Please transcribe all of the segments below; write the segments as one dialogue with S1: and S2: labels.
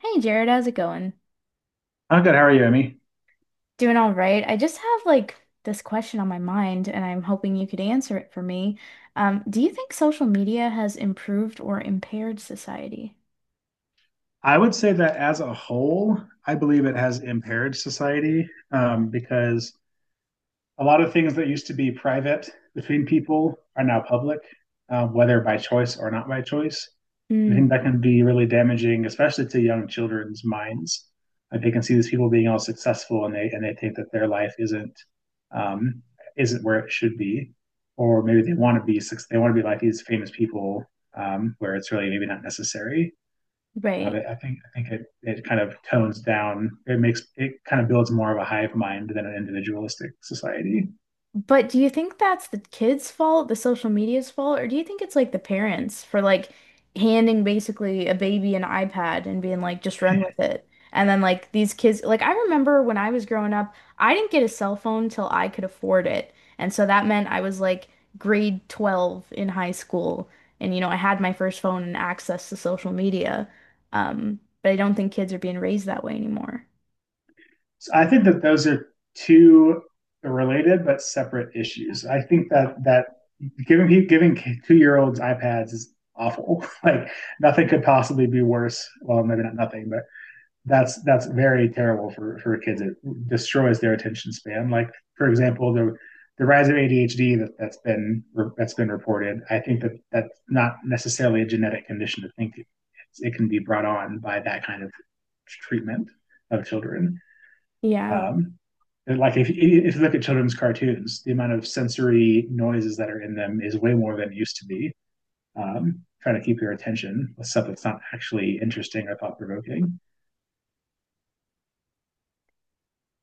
S1: Hey Jared, how's it going?
S2: I'm good. How are you, Emmy?
S1: Doing all right. I just have like this question on my mind, and I'm hoping you could answer it for me. Do you think social media has improved or impaired society?
S2: I would say that as a whole, I believe it has impaired society because a lot of things that used to be private between people are now public, whether by choice or not by choice. I think
S1: Hmm.
S2: that can be really damaging, especially to young children's minds. Like they can see these people being all successful, and they think that their life um, isn't where it should be, or maybe they want to they want to be like these famous people, where it's really maybe not necessary. Uh,
S1: Right.
S2: but I think it kind of tones down. It makes it kind of builds more of a hive mind than an individualistic society.
S1: But do you think that's the kids' fault, the social media's fault, or do you think it's like the parents for like handing basically a baby an iPad and being like, just run with it? And then like these kids, like I remember when I was growing up, I didn't get a cell phone till I could afford it. And so that meant I was like grade 12 in high school. And you know, I had my first phone and access to social media. But I don't think kids are being raised that way anymore.
S2: So I think that those are two related but separate issues. I think that giving two-year-olds iPads is awful. Like nothing could possibly be worse. Well, maybe not nothing, but that's very terrible for kids. It destroys their attention span. Like for example, the rise of ADHD that's been reported. I think that that's not necessarily a genetic condition. To think it's, it can be brought on by that kind of treatment of children.
S1: Yeah.
S2: Um, like if you look at children's cartoons, the amount of sensory noises that are in them is way more than it used to be. Trying to keep your attention with stuff that's not actually interesting or thought provoking.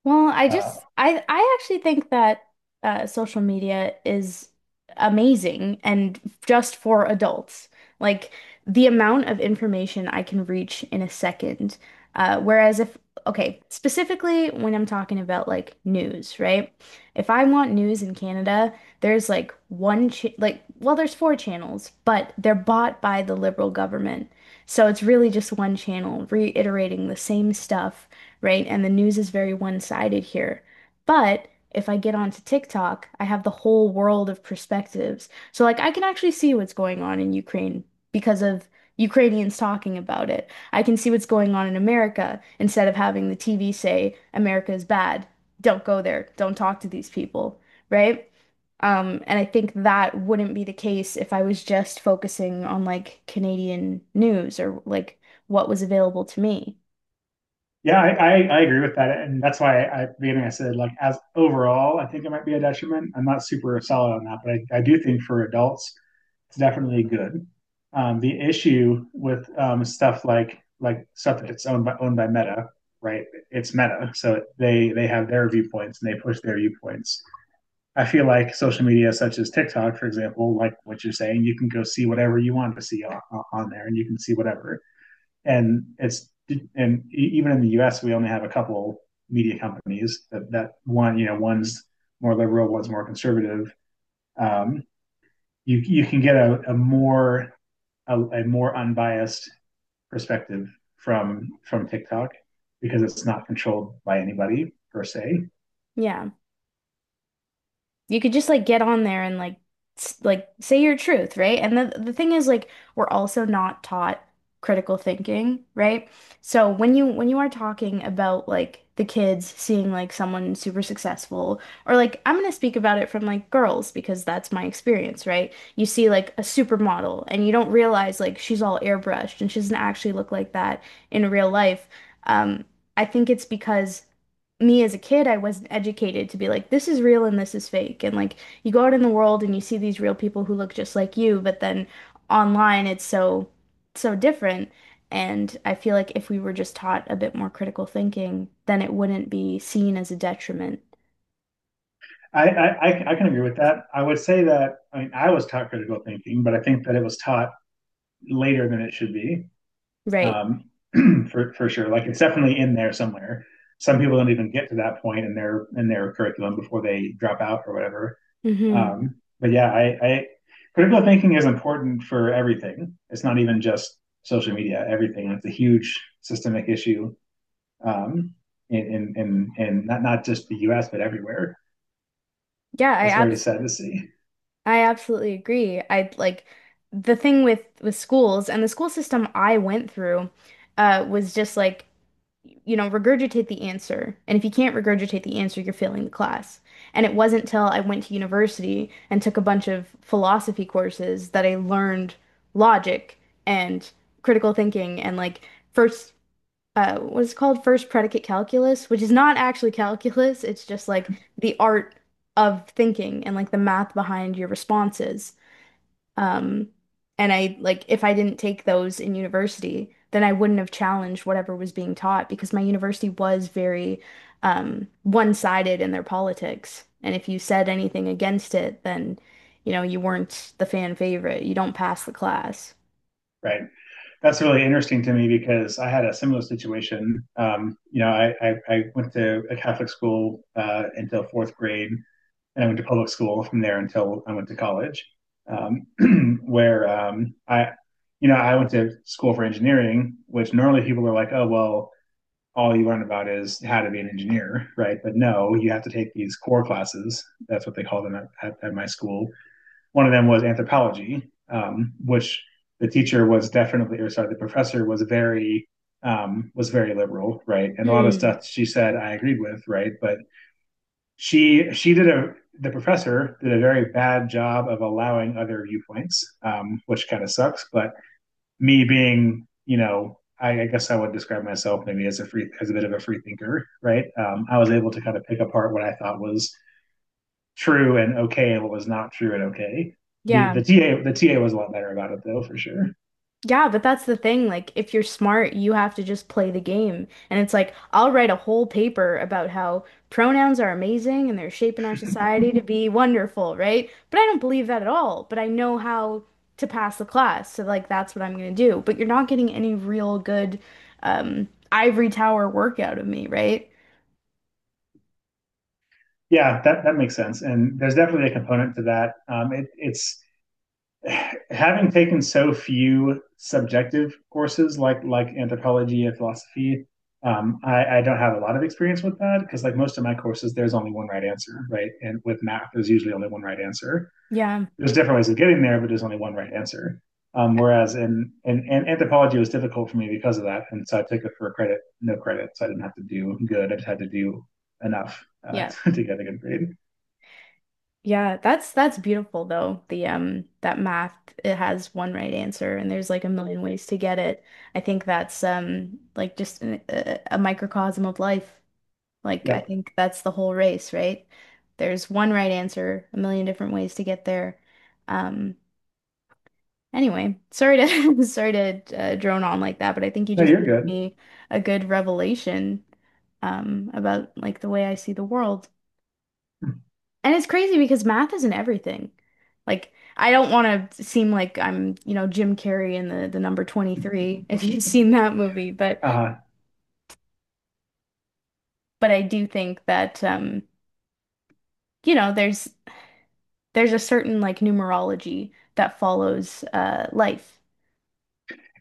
S1: Well, I
S2: Uh,
S1: just I actually think that social media is amazing and just for adults. Like the amount of information I can reach in a second. Whereas if okay, specifically when I'm talking about like news, right? If I want news in Canada, there's like one ch like well, there's four channels, but they're bought by the Liberal government. So it's really just one channel reiterating the same stuff, right? And the news is very one-sided here. But if I get onto TikTok, I have the whole world of perspectives. So like I can actually see what's going on in Ukraine because of Ukrainians talking about it. I can see what's going on in America instead of having the TV say America is bad. Don't go there. Don't talk to these people, right? And I think that wouldn't be the case if I was just focusing on like Canadian news or like what was available to me.
S2: Yeah, I agree with that, and that's why at the beginning I said like as overall, I think it might be a detriment. I'm not super solid on that, but I do think for adults, it's definitely good. The issue with stuff like stuff that's owned by Meta, right? It's Meta, so they have their viewpoints and they push their viewpoints. I feel like social media such as TikTok, for example, like what you're saying, you can go see whatever you want to see on there, and you can see whatever and it's and even in the U.S. we only have a couple media companies that, that one you know one's more liberal, one's more conservative. Um, you can get a more a more unbiased perspective from TikTok because it's not controlled by anybody per se.
S1: Yeah. You could just like get on there and like like say your truth, right? And the thing is like we're also not taught critical thinking, right? So when you are talking about like the kids seeing like someone super successful or like I'm gonna speak about it from like girls because that's my experience, right? You see like a supermodel and you don't realize like she's all airbrushed and she doesn't actually look like that in real life. Um, I think it's because me as a kid, I wasn't educated to be like, this is real and this is fake. And like, you go out in the world and you see these real people who look just like you, but then online it's so, so different. And I feel like if we were just taught a bit more critical thinking, then it wouldn't be seen as a detriment.
S2: I can agree with that. I would say that I mean I was taught critical thinking, but I think that it was taught later than it should be.
S1: Right.
S2: um, for sure. Like it's definitely in there somewhere. Some people don't even get to that point in their curriculum before they drop out or whatever.
S1: Hmm.
S2: But yeah, I, critical thinking is important for everything. It's not even just social media. Everything. It's a huge systemic issue um, in not just the U.S. but everywhere.
S1: Yeah, I
S2: That's very
S1: abs
S2: sad to see.
S1: I absolutely agree. I like the thing with schools and the school system I went through was just like you know, regurgitate the answer. And if you can't regurgitate the answer, you're failing the class. And it wasn't till I went to university and took a bunch of philosophy courses that I learned logic and critical thinking and like first what's called first predicate calculus, which is not actually calculus, it's just like the art of thinking and like the math behind your responses. Um, and I like if I didn't take those in university, then I wouldn't have challenged whatever was being taught because my university was very one-sided in their politics. And if you said anything against it, then you know you weren't the fan favorite. You don't pass the class.
S2: Right. That's really interesting to me because I had a similar situation. You know, I went to a Catholic school until fourth grade, and I went to public school from there until I went to college, um, where you know, I went to school for engineering, which normally people are like, oh, well, all you learn about is how to be an engineer, right? But no, you have to take these core classes. That's what they call them at my school. One of them was anthropology, which the teacher was definitely, or sorry, the professor was very liberal, right? And a lot of
S1: Hmm.
S2: stuff she said I agreed with, right? But she did a the professor did a very bad job of allowing other viewpoints, which kind of sucks. But me being, you know, guess I would describe myself maybe as a bit of a free thinker, right? I was able to kind of pick apart what I thought was true and okay and what was not true and okay.
S1: Yeah.
S2: The TA was a lot better about it though for sure.
S1: Yeah, but that's the thing. Like, if you're smart, you have to just play the game. And it's like, I'll write a whole paper about how pronouns are amazing and they're shaping our society to be wonderful, right? But I don't believe that at all. But I know how to pass the class. So, like, that's what I'm going to do. But you're not getting any real good ivory tower work out of me, right?
S2: Yeah, that makes sense, and there's definitely a component to that. It's having taken so few subjective courses like anthropology and philosophy. I don't have a lot of experience with that because like most of my courses, there's only one right answer, right? And with math, there's usually only one right answer.
S1: Yeah.
S2: There's different ways of getting there, but there's only one right answer. Whereas in anthropology, it was difficult for me because of that, and so I took it for credit, no credit, so I didn't have to do good. I just had to do enough
S1: Yeah.
S2: to get a good grade.
S1: Yeah, that's beautiful though. The that math, it has one right answer and there's like a million ways to get it. I think that's like just a microcosm of life. Like I
S2: Yeah,
S1: think that's the whole race, right? There's one right answer, a million different ways to get there. Um anyway, sorry to sorry to drone on like that, but I think you
S2: no,
S1: just
S2: you're
S1: gave
S2: good.
S1: me a good revelation about like the way I see the world. And it's crazy because math isn't everything. Like, I don't want to seem like I'm, you know, Jim Carrey in the number 23 if you've seen that movie,
S2: Uh,
S1: but I do think that you know, there's a certain like numerology that follows life.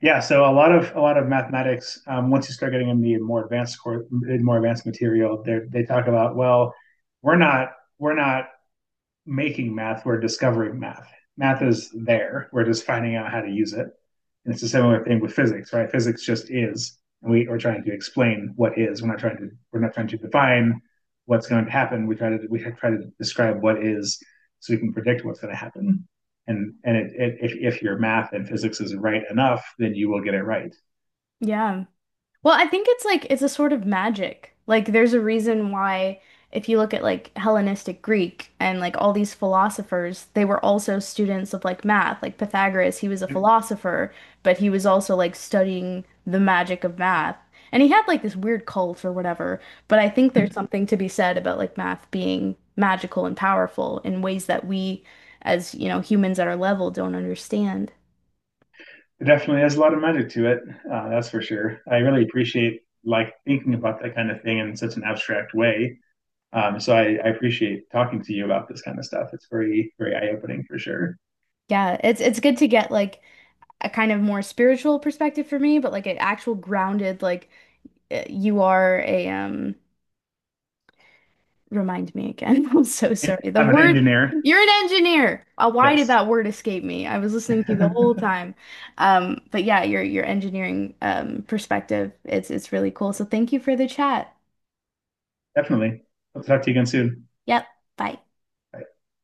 S2: yeah, so a lot of mathematics. Once you start getting in the more advanced course, more advanced material, they talk about, well, we're not we're not making math, we're discovering math. Math is there. We're just finding out how to use it. And it's a similar thing with physics, right? Physics just is. And we are trying to explain what is. We're not trying to define what's going to happen. We try to describe what is so we can predict what's going to happen. And if your math and physics is right enough, then you will get it right.
S1: Yeah. Well, I think it's like it's a sort of magic. Like there's a reason why if you look at like Hellenistic Greek and like all these philosophers, they were also students of like math. Like Pythagoras, he was a
S2: It
S1: philosopher, but he was also like studying the magic of math. And he had like this weird cult or whatever, but I think there's something to be said about like math being magical and powerful in ways that we as, you know, humans at our level don't understand.
S2: definitely has a lot of magic to it. That's for sure. I really appreciate like thinking about that kind of thing in such an abstract way. So I appreciate talking to you about this kind of stuff. It's very, very eye opening for sure.
S1: Yeah, it's good to get like a kind of more spiritual perspective for me, but like an actual grounded, like you are a remind me again. I'm so sorry. The
S2: I'm an
S1: word,
S2: engineer.
S1: you're an engineer. Why did
S2: Yes.
S1: that word escape me? I was listening to you the whole time. But yeah, your engineering perspective, it's really cool. So thank you for the chat.
S2: Definitely. I'll talk to you again soon.
S1: Yep. Bye.
S2: Bye.